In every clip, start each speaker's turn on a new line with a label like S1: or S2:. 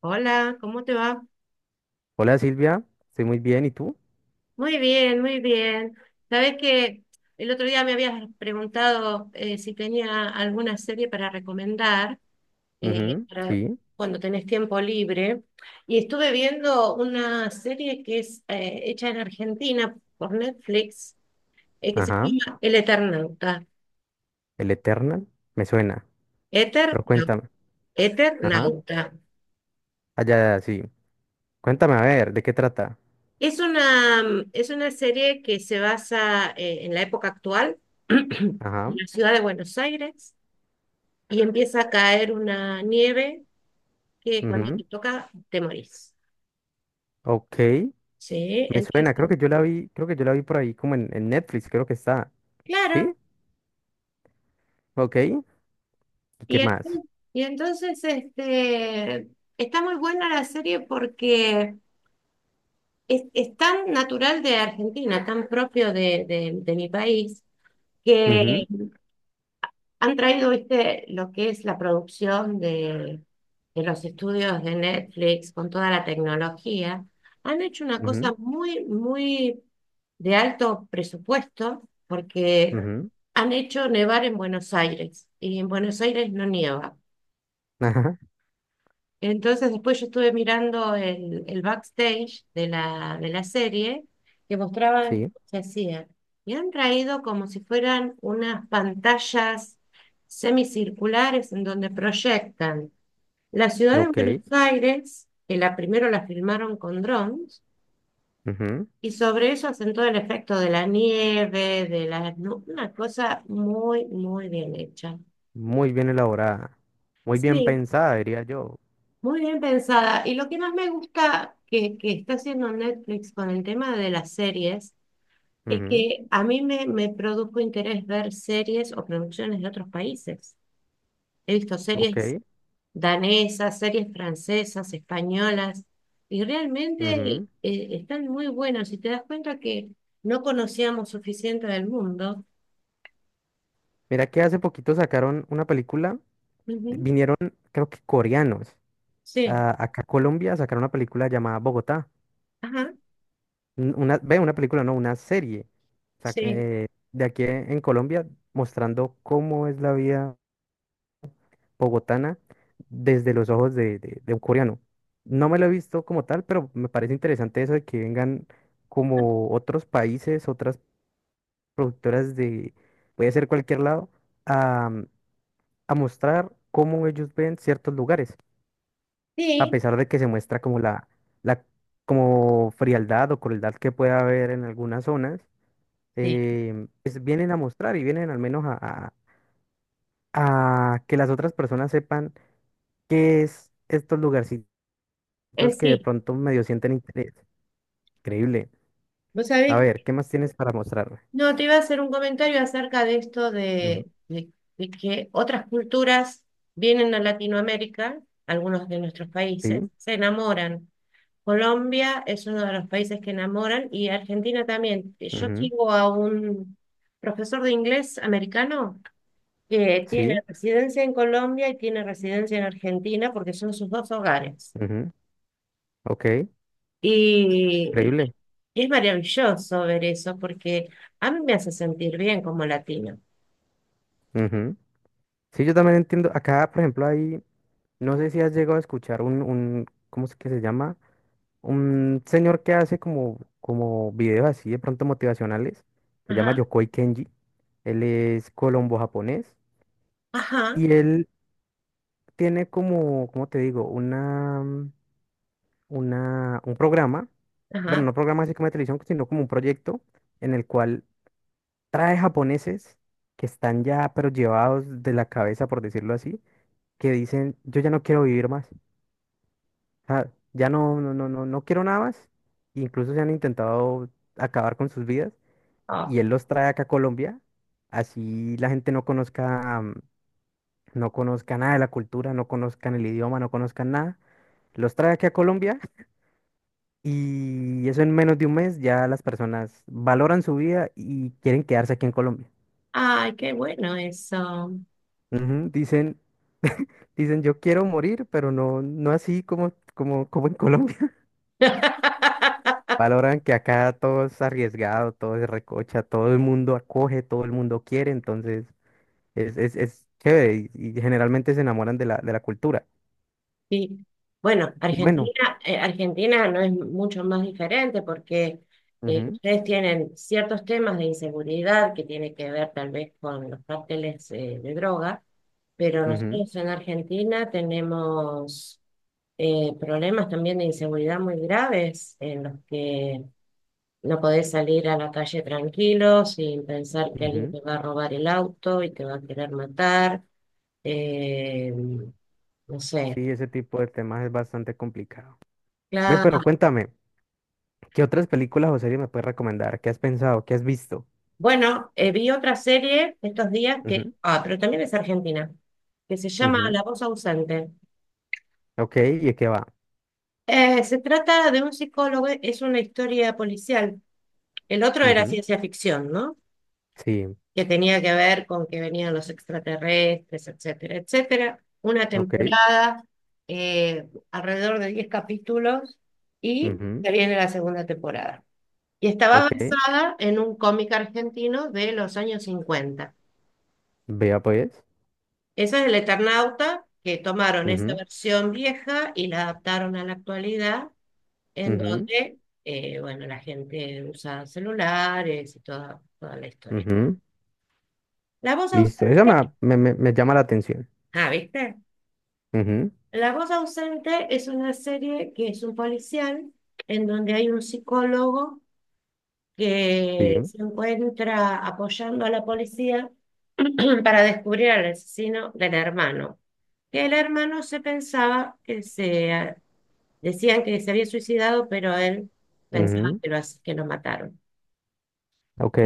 S1: Hola, ¿cómo te va?
S2: Hola Silvia, estoy muy bien, ¿y tú?
S1: Muy bien, muy bien. Sabes que el otro día me habías preguntado si tenía alguna serie para recomendar
S2: Ujú,
S1: para
S2: sí,
S1: cuando tenés tiempo libre. Y estuve viendo una serie que es hecha en Argentina por Netflix, que se
S2: ajá,
S1: llama El Eternauta.
S2: el Eternal, me suena,
S1: Eter,
S2: pero
S1: no,
S2: cuéntame, ajá,
S1: Eternauta.
S2: allá, sí, cuéntame, a ver, ¿de qué trata?
S1: Es una serie que se basa en la época actual, en
S2: Ajá,
S1: la ciudad de Buenos Aires y empieza a caer una nieve que cuando te
S2: ujú,
S1: toca te morís.
S2: ok,
S1: Sí,
S2: me
S1: entonces,
S2: suena, creo que yo la vi, creo que yo la vi por ahí como en Netflix, creo que está, ¿sí?
S1: claro,
S2: Ok, ¿y qué
S1: y, en-
S2: más?
S1: y entonces este, está muy buena la serie porque es tan natural de Argentina, tan propio de mi país, que
S2: Ujú,
S1: han traído, viste, lo que es la producción de los estudios de Netflix con toda la tecnología. Han hecho una cosa
S2: ujú,
S1: muy, muy de alto presupuesto porque
S2: ujú,
S1: han hecho nevar en Buenos Aires, y en Buenos Aires no nieva.
S2: ajá,
S1: Entonces después yo estuve mirando el backstage de la serie, que mostraban
S2: sí,
S1: qué hacían. Y han traído como si fueran unas pantallas semicirculares en donde proyectan la ciudad de
S2: ok,
S1: Buenos Aires, que la primero la filmaron con drones,
S2: ujú,
S1: y sobre eso hacen todo el efecto de la nieve, de la, ¿no? Una cosa muy, muy bien hecha.
S2: muy bien elaborada, muy bien
S1: Sí,
S2: pensada, diría yo,
S1: muy bien pensada. Y lo que más me gusta que está haciendo Netflix con el tema de las series es
S2: ujú,
S1: que a mí me produjo interés ver series o producciones de otros países. He visto
S2: ok,
S1: series danesas, series francesas, españolas, y realmente
S2: ujú.
S1: están muy buenas. Y te das cuenta que no conocíamos suficiente del mundo.
S2: Mira que hace poquito sacaron una película,
S1: Ujú.
S2: vinieron creo que coreanos
S1: Sí,
S2: acá a Colombia, sacaron una película llamada Bogotá.
S1: ajá,
S2: Una, ve, una película, no, una serie. sac-
S1: sí,
S2: eh, de aquí en Colombia, mostrando cómo es la vida bogotana desde los ojos de un coreano. No me lo he visto como tal, pero me parece interesante eso de que vengan como otros países, otras productoras, puede ser cualquier lado, a, a mostrar cómo ellos ven ciertos lugares. A
S1: sí,
S2: pesar de que se muestra como la como frialdad o crueldad que puede haber en algunas zonas,
S1: sí.
S2: pues vienen a mostrar y vienen al menos a- a que las otras personas sepan qué es estos lugarcitos
S1: Eh,
S2: que de
S1: sí,
S2: pronto medio sienten interés. Increíble.
S1: ¿vos
S2: A
S1: sabés?
S2: ver, ¿qué más tienes para mostrarme?
S1: No, te iba a hacer un comentario acerca de esto
S2: Ujú.
S1: de que otras culturas vienen a Latinoamérica, algunos de nuestros países,
S2: Sí,
S1: se enamoran. Colombia es uno de los países que enamoran, y Argentina también. Yo
S2: ujú,
S1: sigo a un profesor de inglés americano que tiene
S2: sí,
S1: residencia en Colombia y tiene residencia en Argentina porque son sus dos hogares.
S2: ujú, ok,
S1: Y
S2: increíble.
S1: es maravilloso ver eso porque a mí me hace sentir bien como latino.
S2: Ujú. Sí, yo también entiendo. Acá, por ejemplo, hay, no sé si has llegado a escuchar ¿cómo es que se llama? Un señor que hace como, como videos así de pronto motivacionales, se llama Yokoi Kenji, él es colombo-japonés
S1: Ajá,
S2: y él tiene como, ¿cómo te digo? Una, un programa, bueno,
S1: ajá.
S2: no programa así como de televisión, sino como un proyecto en el cual trae japoneses que están ya, pero llevados de la cabeza, por decirlo así, que dicen, yo ya no quiero vivir más, ah, ya no, no, no, no, no quiero nada más, e incluso se han intentado acabar con sus vidas
S1: Ah,
S2: y él los trae acá a Colombia, así la gente no conozca, no conozca nada de la cultura, no conozcan el idioma, no conozcan nada. Los trae aquí a Colombia y eso en menos de un mes ya las personas valoran su vida y quieren quedarse aquí en Colombia.
S1: ay, qué bueno eso.
S2: Ujú. Dicen, dicen yo quiero morir, pero no, no así como en Colombia. Valoran que acá todo es arriesgado, todo es recocha, todo el mundo acoge, todo el mundo quiere, entonces es chévere y generalmente se enamoran de la cultura.
S1: Sí. Bueno,
S2: Y bueno,
S1: Argentina, Argentina no es mucho más diferente porque
S2: ujú,
S1: ustedes tienen ciertos temas de inseguridad que tiene que ver tal vez con los cárteles de droga, pero
S2: ujú,
S1: nosotros en Argentina tenemos problemas también de inseguridad muy graves, en los que no podés salir a la calle tranquilo sin pensar que alguien
S2: ujú.
S1: te va a robar el auto y te va a querer matar. Eh, no sé.
S2: Sí, ese tipo de temas es bastante complicado. Ve, pero
S1: Claro.
S2: cuéntame, ¿qué otras películas o series me puedes recomendar? ¿Qué has pensado? ¿Qué has visto?
S1: Bueno, vi otra serie estos días que,
S2: Ujú,
S1: pero también es argentina, que se llama
S2: ujú.
S1: La voz ausente.
S2: Ok, ¿y de qué va?
S1: Se trata de un psicólogo, es una historia policial. El otro era
S2: Ujú,
S1: ciencia ficción, ¿no?,
S2: sí,
S1: que tenía que ver con que venían los extraterrestres, etcétera, etcétera. Una
S2: ok,
S1: temporada, alrededor de 10 capítulos, y
S2: ujú,
S1: se viene la segunda temporada. Y estaba
S2: ok.
S1: basada en un cómic argentino de los años 50.
S2: Vea pues.
S1: Esa es El Eternauta, que tomaron esa
S2: Ujú,
S1: versión vieja y la adaptaron a la actualidad, en
S2: ujú,
S1: donde, bueno, la gente usa celulares y toda la historia.
S2: ujú.
S1: La voz
S2: Listo, eso
S1: ausente,
S2: me, me llama la atención.
S1: ah, ¿viste?
S2: Ujú,
S1: La voz ausente es una serie que es un policial en donde hay un psicólogo
S2: sí,
S1: que se encuentra apoyando a la policía para descubrir al asesino del hermano. Que el hermano se pensaba que se decían que se había suicidado, pero él pensaba
S2: ujú,
S1: que lo mataron.
S2: ok,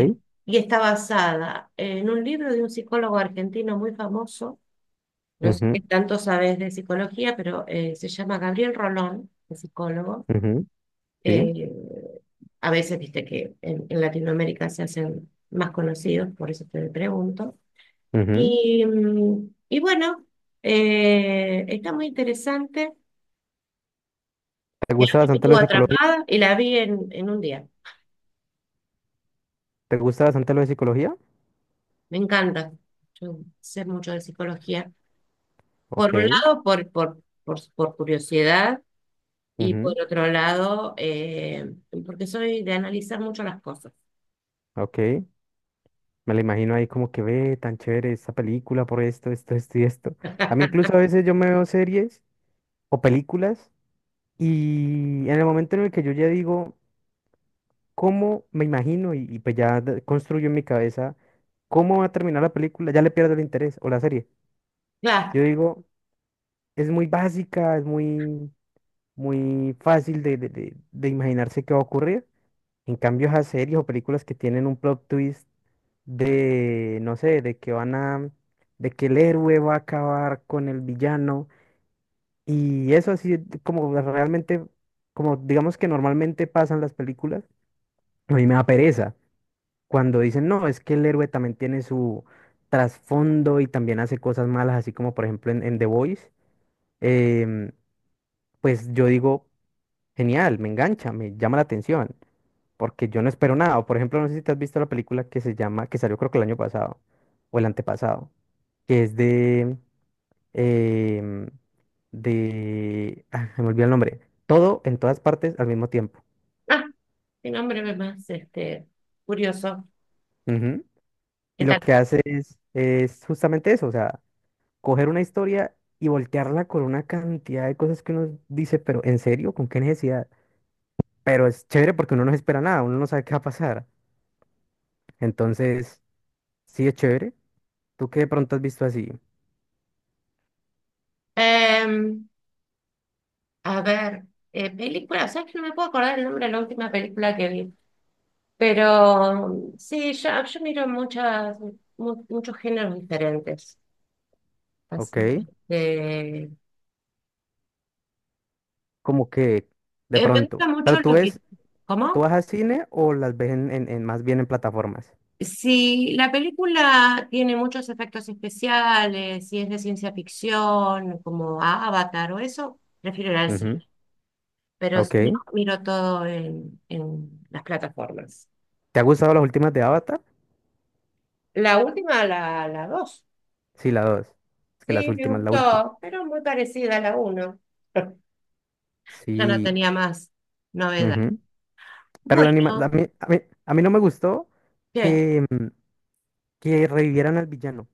S1: Y está basada en un libro de un psicólogo argentino muy famoso. No sé qué
S2: ujú,
S1: tanto sabes de psicología, pero se llama Gabriel Rolón, el psicólogo.
S2: ujú, sí,
S1: Eh, a veces, viste que en Latinoamérica se hacen más conocidos, por eso te pregunto.
S2: ujú.
S1: Y bueno, está muy interesante.
S2: ¿Te
S1: Y a
S2: gusta
S1: mí me
S2: bastante lo
S1: estuvo
S2: de psicología?
S1: atrapada y la vi en un día.
S2: ¿Te gusta bastante lo de psicología?
S1: Me encanta. Yo sé mucho de psicología. Por un
S2: Ok.
S1: lado, por curiosidad, y
S2: Ujú,
S1: por otro lado, porque soy de analizar mucho las cosas.
S2: ok, me la imagino ahí como que ve tan chévere esta película por esto, esto, esto y esto. A mí incluso a veces yo me veo series o películas y en el momento en el que yo ya digo cómo me imagino y, pues ya construyo en mi cabeza cómo va a terminar la película, ya le pierdo el interés o la serie.
S1: Claro.
S2: Yo digo, es muy básica, es muy, muy fácil de imaginarse qué va a ocurrir. En cambio, esas series o películas que tienen un plot twist de, no sé, de que el héroe va a acabar con el villano. Y eso así, como realmente, como digamos que normalmente pasan las películas, a mí me da pereza cuando dicen, no, es que el héroe también tiene su trasfondo y también hace cosas malas, así como por ejemplo en The Voice, em, pues yo digo, genial, me engancha, me llama la atención. Porque yo no espero nada. O, por ejemplo, no sé si te has visto la película que se llama, que salió creo que el año pasado o el antepasado. Que es de, em, de, me olvidé el nombre, todo en todas partes al mismo tiempo.
S1: Ah, qué nombre más este, curioso.
S2: Ujú. Y
S1: ¿Qué
S2: lo
S1: tal?
S2: que hace es justamente eso, o sea, coger una historia y voltearla con una cantidad de cosas que uno dice, pero ¿en serio? ¿Con qué necesidad? Pero es chévere porque uno no se espera nada, uno no sabe qué va a pasar. Entonces, sí es chévere. Tú qué de pronto has visto así,
S1: Em, a ver, película, ¿sabes que no me puedo acordar el nombre de la última película que vi? Pero sí, yo miro muchos géneros diferentes. Así
S2: ¿ok?
S1: que,
S2: Como que de
S1: me gusta
S2: pronto.
S1: mucho
S2: Pero tú
S1: lo que.
S2: ves, ¿tú
S1: ¿Cómo?
S2: vas al cine o las ves más bien en plataformas?
S1: Si la película tiene muchos efectos especiales, si es de ciencia ficción, como Avatar o eso, prefiero ir al
S2: Ujú,
S1: cine. Pero si no,
S2: ok.
S1: miro todo en las plataformas.
S2: ¿Te ha gustado las últimas de Avatar?
S1: La última, la dos.
S2: Sí, la dos. Es que las
S1: Sí, me
S2: últimas, la última.
S1: gustó, pero muy parecida a la uno. Ya no
S2: Sí.
S1: tenía más novedad.
S2: Ujú. Pero la anima a
S1: Bueno,
S2: a mí no me gustó
S1: ¿qué?
S2: que que revivieran al villano.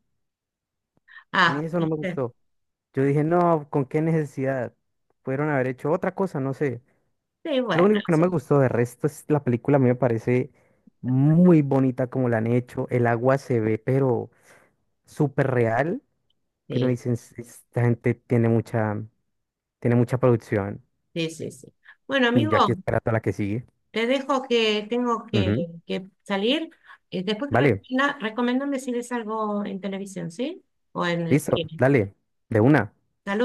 S2: A mí
S1: Ah,
S2: eso no me
S1: viste.
S2: gustó. Yo dije, no, ¿con qué necesidad? Pudieron haber hecho otra cosa, no sé.
S1: Sí,
S2: Lo
S1: bueno,
S2: único que no
S1: sí,
S2: me gustó de resto es la película, a mí me parece muy bonita como la han hecho. El agua se ve, pero súper real. Que uno
S1: sí,
S2: dice, "Es- esta gente tiene mucha producción.
S1: sí, sí, sí. Bueno,
S2: Y
S1: amigo,
S2: ya aquí esperando a la que sigue.
S1: te dejo que tengo que,
S2: Ujú.
S1: que salir. Después
S2: Vale,
S1: recomendame si ves algo en televisión, ¿sí? O en el
S2: listo,
S1: cine.
S2: dale, de una.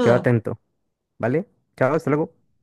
S2: Quedo atento, ¿vale? Chao, hasta luego.